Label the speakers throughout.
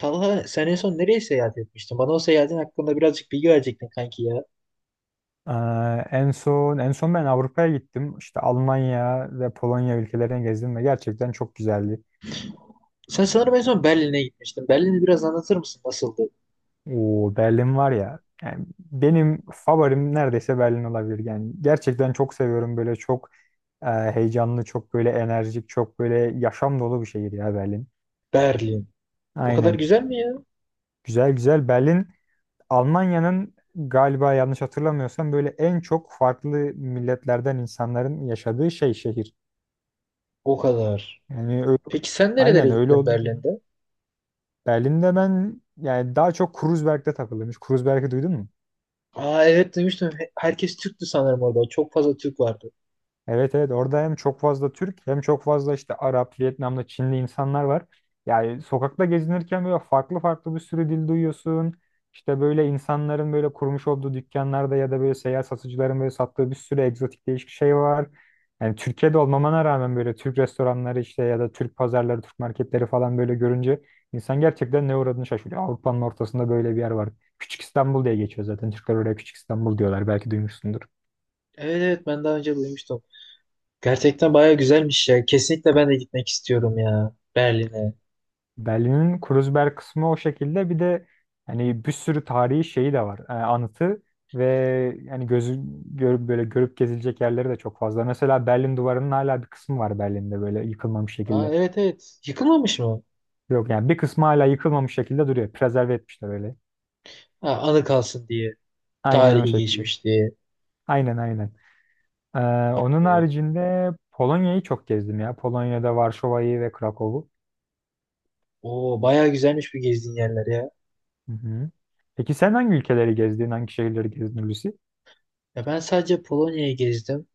Speaker 1: Talha sen en son nereye seyahat etmiştin? Bana o seyahatin hakkında birazcık bilgi verecektin kanki ya.
Speaker 2: Ee, en son en son ben Avrupa'ya gittim. İşte Almanya ve Polonya ülkelerini gezdim ve gerçekten çok güzeldi.
Speaker 1: Sen sanırım en son Berlin'e gitmiştin. Berlin'i biraz anlatır mısın? Nasıldı?
Speaker 2: O Berlin var ya. Yani benim favorim neredeyse Berlin olabilir. Yani gerçekten çok seviyorum böyle çok heyecanlı, çok böyle enerjik, çok böyle yaşam dolu bir şehir ya Berlin.
Speaker 1: Berlin. O kadar
Speaker 2: Aynen.
Speaker 1: güzel mi ya?
Speaker 2: Güzel güzel. Berlin Almanya'nın galiba yanlış hatırlamıyorsam böyle en çok farklı milletlerden insanların yaşadığı şey şehir.
Speaker 1: O kadar.
Speaker 2: Yani öyle,
Speaker 1: Peki sen nerelere
Speaker 2: aynen öyle
Speaker 1: gittin
Speaker 2: olunca.
Speaker 1: Berlin'de?
Speaker 2: Berlin'de ben yani daha çok Kreuzberg'de takılıyormuş. Kreuzberg'i duydun mu?
Speaker 1: Aa evet duymuştum. Herkes Türktü sanırım orada. Çok fazla Türk vardı.
Speaker 2: Evet evet, orada hem çok fazla Türk hem çok fazla işte Arap, Vietnamlı, Çinli insanlar var. Yani sokakta gezinirken böyle farklı farklı bir sürü dil duyuyorsun. İşte böyle insanların böyle kurmuş olduğu dükkanlarda ya da böyle seyyar satıcıların böyle sattığı bir sürü egzotik değişik şey var. Yani Türkiye'de olmamana rağmen böyle Türk restoranları işte ya da Türk pazarları, Türk marketleri falan böyle görünce insan gerçekten ne uğradığını şaşırıyor. Avrupa'nın ortasında böyle bir yer var. Küçük İstanbul diye geçiyor zaten. Türkler oraya Küçük İstanbul diyorlar. Belki duymuşsundur.
Speaker 1: Evet evet ben daha önce duymuştum. Gerçekten baya güzelmiş ya. Kesinlikle ben de gitmek istiyorum ya Berlin'e.
Speaker 2: Berlin'in Kreuzberg kısmı o şekilde. Bir de hani bir sürü tarihi şeyi de var. Anıtı ve yani gözü görüp gezilecek yerleri de çok fazla. Mesela Berlin Duvarı'nın hala bir kısmı var Berlin'de böyle yıkılmamış
Speaker 1: Aa
Speaker 2: şekilde.
Speaker 1: evet evet. Yıkılmamış mı?
Speaker 2: Yok yani bir kısmı hala yıkılmamış şekilde duruyor. Prezerve etmişler öyle.
Speaker 1: Ha, anı kalsın diye.
Speaker 2: Aynen o
Speaker 1: Tarihi
Speaker 2: şekilde.
Speaker 1: geçmiş diye.
Speaker 2: Aynen aynen. Ee, Onun
Speaker 1: Ee,
Speaker 2: haricinde Polonya'yı çok gezdim ya. Polonya'da Varşova'yı ve Krakow'u.
Speaker 1: Oo, bayağı güzelmiş bu gezdiğin yerler ya.
Speaker 2: Hı hı. Peki sen hangi ülkeleri gezdin, hangi şehirleri gezdin Hulusi?
Speaker 1: Ya ben sadece Polonya'yı gezdim.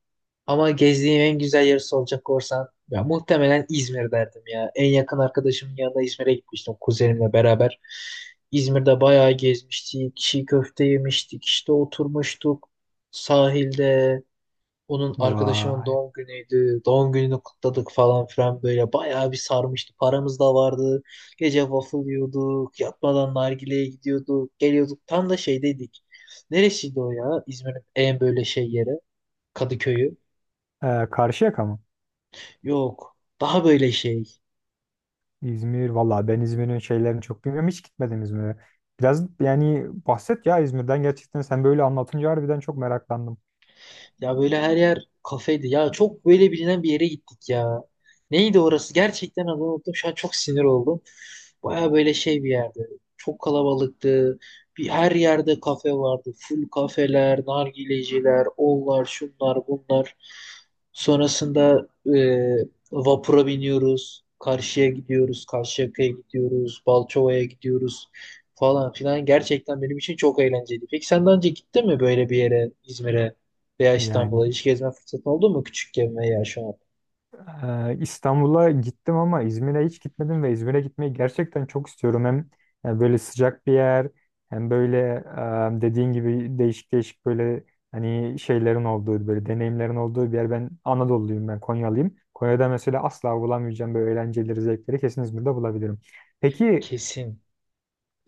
Speaker 1: Ama gezdiğim en güzel yeri soracak olursan ya muhtemelen İzmir derdim ya. En yakın arkadaşımın yanında İzmir'e gitmiştim kuzenimle beraber. İzmir'de bayağı gezmiştik. Çiğ köfte yemiştik. İşte oturmuştuk sahilde. Onun arkadaşımın
Speaker 2: Vay.
Speaker 1: doğum günüydü. Doğum gününü kutladık falan filan böyle. Bayağı bir sarmıştı. Paramız da vardı. Gece waffle yiyorduk. Yatmadan nargileye gidiyorduk. Geliyorduk. Tam da şeydeydik. Neresiydi o ya? İzmir'in en böyle şey yeri. Kadıköy'ü.
Speaker 2: Karşıyaka mı?
Speaker 1: Yok. Daha böyle şey.
Speaker 2: İzmir. Valla ben İzmir'in şeylerini çok bilmiyorum. Hiç gitmedim İzmir'e. Biraz yani bahset ya İzmir'den gerçekten. Sen böyle anlatınca harbiden çok meraklandım.
Speaker 1: Ya böyle her yer kafeydi. Ya çok böyle bilinen bir yere gittik ya. Neydi orası? Gerçekten adını unuttum. Şu an çok sinir oldum. Baya böyle şey bir yerdi. Çok kalabalıktı. Bir her yerde kafe vardı. Full kafeler, nargileciler, onlar, şunlar, bunlar. Sonrasında e, vapura biniyoruz. Karşıya gidiyoruz. Karşıyaka'ya gidiyoruz. Balçova'ya gidiyoruz falan filan. Gerçekten benim için çok eğlenceliydi. Peki sen daha önce gittin mi böyle bir yere, İzmir'e? Veya
Speaker 2: Yani
Speaker 1: İstanbul'a hiç gezme fırsatı oldu mu küçükken veya şu an?
Speaker 2: İstanbul'a gittim ama İzmir'e hiç gitmedim ve İzmir'e gitmeyi gerçekten çok istiyorum. Hem böyle sıcak bir yer hem böyle dediğin gibi değişik değişik böyle hani şeylerin olduğu böyle deneyimlerin olduğu bir yer. Ben Anadolu'luyum, ben Konyalıyım. Konya'da mesela asla bulamayacağım böyle eğlenceleri, zevkleri kesin İzmir'de bulabilirim. Peki
Speaker 1: Kesin.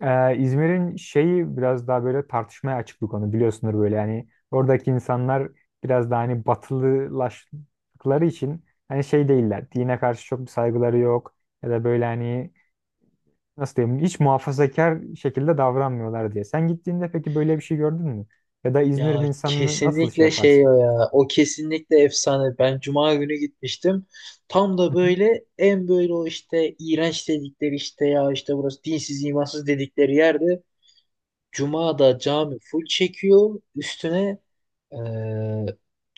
Speaker 2: İzmir'in şeyi biraz daha böyle tartışmaya açık bir konu, biliyorsunuz böyle, yani oradaki insanlar biraz daha hani batılılaştıkları için hani şey değiller, dine karşı çok bir saygıları yok ya da böyle hani nasıl diyeyim hiç muhafazakar şekilde davranmıyorlar diye. Sen gittiğinde peki böyle bir şey gördün mü? Ya da İzmir'in
Speaker 1: Ya
Speaker 2: insanını nasıl şey
Speaker 1: kesinlikle şey
Speaker 2: yaparsın?
Speaker 1: o ya. O kesinlikle efsane. Ben cuma günü gitmiştim. Tam da
Speaker 2: Hı hı.
Speaker 1: böyle en böyle o işte iğrenç dedikleri işte ya işte burası dinsiz imansız dedikleri yerde. Cuma'da cami full çekiyor. Üstüne Ee,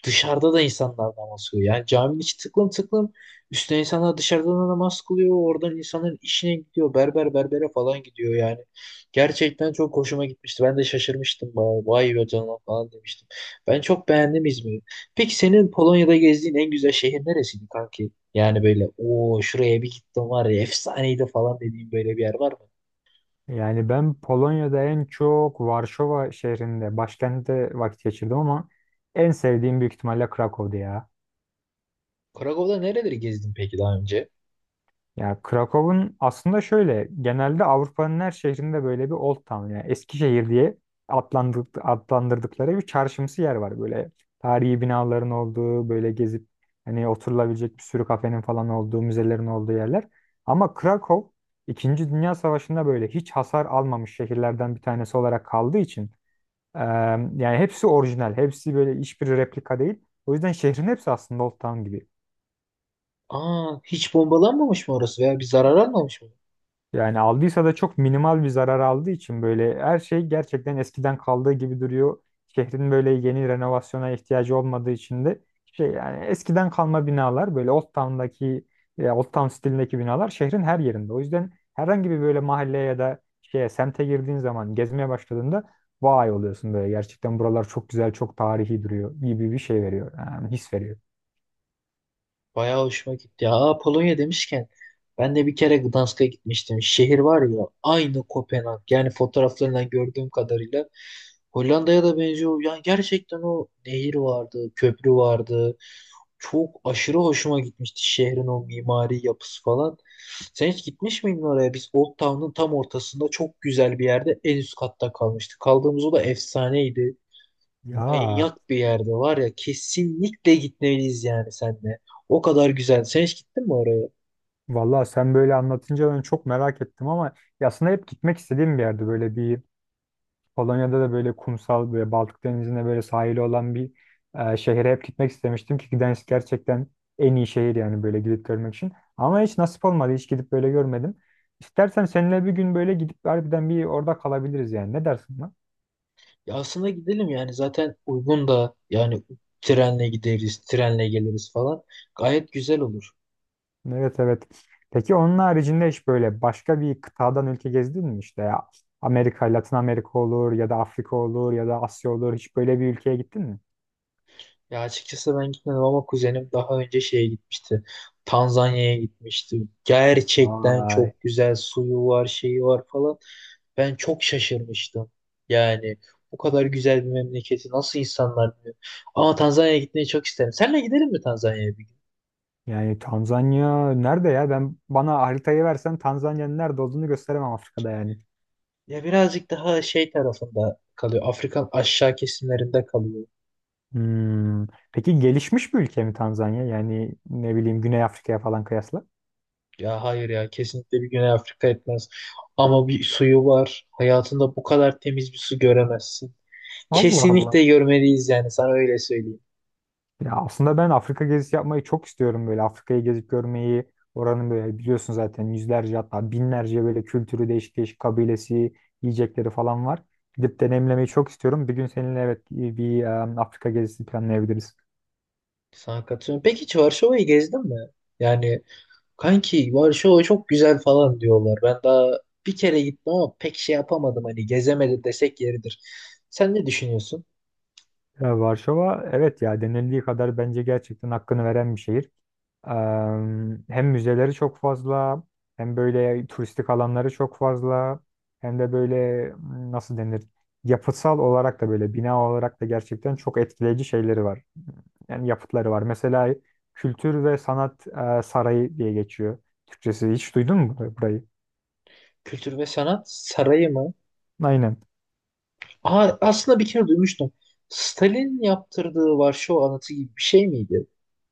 Speaker 1: dışarıda da insanlar namaz kılıyor. Yani caminin içi tıklım tıklım. Üstüne insanlar dışarıdan da namaz kılıyor. Oradan insanların işine gidiyor. Berber berbere falan gidiyor yani. Gerçekten çok hoşuma gitmişti. Ben de şaşırmıştım. Vay, vay be canına falan demiştim. Ben çok beğendim İzmir'i. Peki senin Polonya'da gezdiğin en güzel şehir neresiydi kanki? Yani böyle o şuraya bir gittim var ya efsaneydi falan dediğin böyle bir yer var mı?
Speaker 2: Yani ben Polonya'da en çok Varşova şehrinde, başkentte vakit geçirdim ama en sevdiğim büyük ihtimalle Krakow'du ya.
Speaker 1: Krakow'da nereleri gezdin peki daha önce?
Speaker 2: Ya Krakow'un aslında şöyle, genelde Avrupa'nın her şehrinde böyle bir Old Town yani eski şehir diye adlandırdıkları bir çarşımsı yer var böyle, tarihi binaların olduğu, böyle gezip hani oturulabilecek bir sürü kafenin falan olduğu, müzelerin olduğu yerler. Ama Krakow İkinci Dünya Savaşı'nda böyle hiç hasar almamış şehirlerden bir tanesi olarak kaldığı için eee, yani hepsi orijinal, hepsi böyle hiçbir replika değil. O yüzden şehrin hepsi aslında Old Town gibi.
Speaker 1: Aa hiç bombalanmamış mı orası veya bir zarar almamış mı?
Speaker 2: Yani aldıysa da çok minimal bir zarar aldığı için böyle her şey gerçekten eskiden kaldığı gibi duruyor. Şehrin böyle yeni renovasyona ihtiyacı olmadığı için de şey yani eskiden kalma binalar böyle Old Town'daki Old Town stilindeki binalar şehrin her yerinde. O yüzden herhangi bir böyle mahalleye ya da şeye semte girdiğin zaman gezmeye başladığında vay oluyorsun, böyle gerçekten buralar çok güzel çok tarihi duruyor gibi bir şey veriyor yani his veriyor.
Speaker 1: Bayağı hoşuma gitti ya. Aa, Polonya demişken ben de bir kere Gdansk'a gitmiştim. Şehir var ya aynı Kopenhag. Yani fotoğraflarından gördüğüm kadarıyla Hollanda'ya da benziyor. Yani gerçekten o nehir vardı, köprü vardı. Çok aşırı hoşuma gitmişti şehrin o mimari yapısı falan. Sen hiç gitmiş miydin oraya? Biz Old Town'un tam ortasında çok güzel bir yerde en üst katta kalmıştık. Kaldığımız o da efsaneydi.
Speaker 2: Ya
Speaker 1: Manyak bir yerde var ya kesinlikle gitmeliyiz yani senle. O kadar güzel. Sen hiç gittin mi oraya?
Speaker 2: vallahi sen böyle anlatınca ben çok merak ettim ama ya aslında hep gitmek istediğim bir yerde böyle bir Polonya'da da böyle kumsal böyle Baltık Denizi'ne böyle sahili olan bir şehre hep gitmek istemiştim ki Gdańsk gerçekten en iyi şehir yani böyle gidip görmek için. Ama hiç nasip olmadı, hiç gidip böyle görmedim. İstersen seninle bir gün böyle gidip harbiden bir orada kalabiliriz yani, ne dersin lan?
Speaker 1: Ya aslında gidelim yani zaten uygun da yani trenle gideriz, trenle geliriz falan. Gayet güzel olur.
Speaker 2: Evet evet. Peki onun haricinde hiç böyle başka bir kıtadan ülke gezdin mi işte ya? Amerika, Latin Amerika olur ya da Afrika olur ya da Asya olur. Hiç böyle bir ülkeye gittin mi?
Speaker 1: Ya açıkçası ben gitmedim ama kuzenim daha önce şeye gitmişti. Tanzanya'ya gitmişti. Gerçekten
Speaker 2: Vay.
Speaker 1: çok güzel suyu var, şeyi var falan. Ben çok şaşırmıştım. Yani bu kadar güzel bir memleketi nasıl insanlar biliyor? Ama Tanzanya'ya gitmeyi çok isterim. Seninle gidelim mi Tanzanya'ya bir gün?
Speaker 2: Yani Tanzanya nerede ya? Ben bana haritayı versen Tanzanya'nın nerede olduğunu gösteremem, Afrika'da yani.
Speaker 1: Ya birazcık daha şey tarafında kalıyor. Afrika'nın aşağı kesimlerinde kalıyor.
Speaker 2: Hmm. Peki gelişmiş bir ülke mi Tanzanya? Yani ne bileyim, Güney Afrika'ya falan kıyasla.
Speaker 1: Ya hayır ya kesinlikle bir Güney Afrika etmez. Ama bir suyu var. Hayatında bu kadar temiz bir su göremezsin.
Speaker 2: Allah Allah.
Speaker 1: Kesinlikle görmeliyiz yani sana öyle söyleyeyim.
Speaker 2: Ya aslında ben Afrika gezisi yapmayı çok istiyorum, böyle Afrika'yı gezip görmeyi. Oranın böyle biliyorsun zaten yüzlerce hatta binlerce böyle kültürü, değişik değişik kabilesi, yiyecekleri falan var. Gidip deneyimlemeyi çok istiyorum. Bir gün seninle evet Afrika gezisi planlayabiliriz.
Speaker 1: Sana katılıyorum. Peki hiç Varşova'yı gezdin mi? Yani kanki Varşova çok güzel falan diyorlar. Ben daha bir kere gittim ama pek şey yapamadım. Hani gezemedi desek yeridir. Sen ne düşünüyorsun?
Speaker 2: Ya Varşova evet ya, denildiği kadar bence gerçekten hakkını veren bir şehir. Hem müzeleri çok fazla, hem böyle turistik alanları çok fazla, hem de böyle nasıl denir? Yapısal olarak da böyle bina olarak da gerçekten çok etkileyici şeyleri var. Yani yapıtları var. Mesela Kültür ve Sanat Sarayı diye geçiyor. Türkçesi hiç duydun mu burayı?
Speaker 1: Kültür ve Sanat Sarayı mı?
Speaker 2: Aynen.
Speaker 1: Aa, aslında bir kere duymuştum. Stalin yaptırdığı Varşova anıtı gibi bir şey miydi?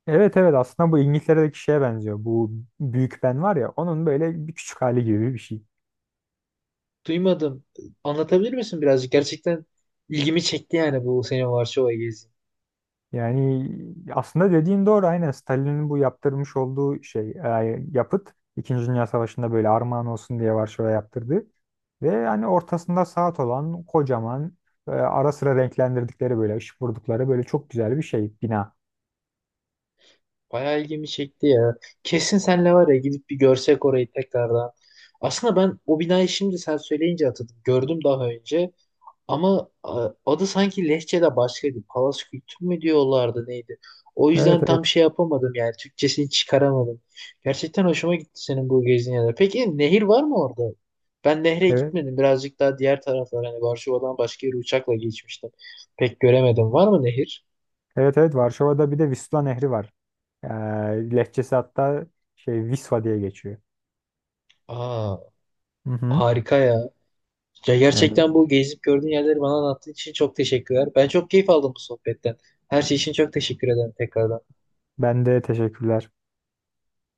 Speaker 2: Evet evet, aslında bu İngiltere'deki şeye benziyor. Bu Büyük Ben var ya, onun böyle bir küçük hali gibi bir şey.
Speaker 1: Duymadım. Anlatabilir misin birazcık? Gerçekten ilgimi çekti yani bu senin Varşova gezin.
Speaker 2: Yani aslında dediğin doğru, aynen Stalin'in bu yaptırmış olduğu şey yapıt İkinci Dünya Savaşı'nda böyle armağan olsun diye Varşova yaptırdı. Ve hani ortasında saat olan kocaman ara sıra renklendirdikleri böyle ışık vurdukları böyle çok güzel bir şey bina.
Speaker 1: Bayağı ilgimi çekti ya. Kesin senle var ya gidip bir görsek orayı tekrardan. Aslında ben o binayı şimdi sen söyleyince hatırladım. Gördüm daha önce. Ama adı sanki Lehçe'de başkaydı. Palas Kültür mü diyorlardı neydi? O
Speaker 2: Evet
Speaker 1: yüzden
Speaker 2: evet
Speaker 1: tam şey yapamadım yani. Türkçesini çıkaramadım. Gerçekten hoşuma gitti senin bu gezin yerler. Peki nehir var mı orada? Ben nehre
Speaker 2: evet
Speaker 1: gitmedim. Birazcık daha diğer taraflar. Hani Varşova'dan başka yere uçakla geçmiştim. Pek göremedim. Var mı nehir?
Speaker 2: evet, Varşova'da bir de Vistula Nehri var. E, Lehçesi hatta şey Visva diye geçiyor.
Speaker 1: Aa,
Speaker 2: Hı hı.
Speaker 1: harika ya. Ya
Speaker 2: Yani
Speaker 1: gerçekten bu gezip gördüğün yerleri bana anlattığın için çok teşekkürler. Ben çok keyif aldım bu sohbetten. Her şey için çok teşekkür ederim tekrardan.
Speaker 2: ben de teşekkürler.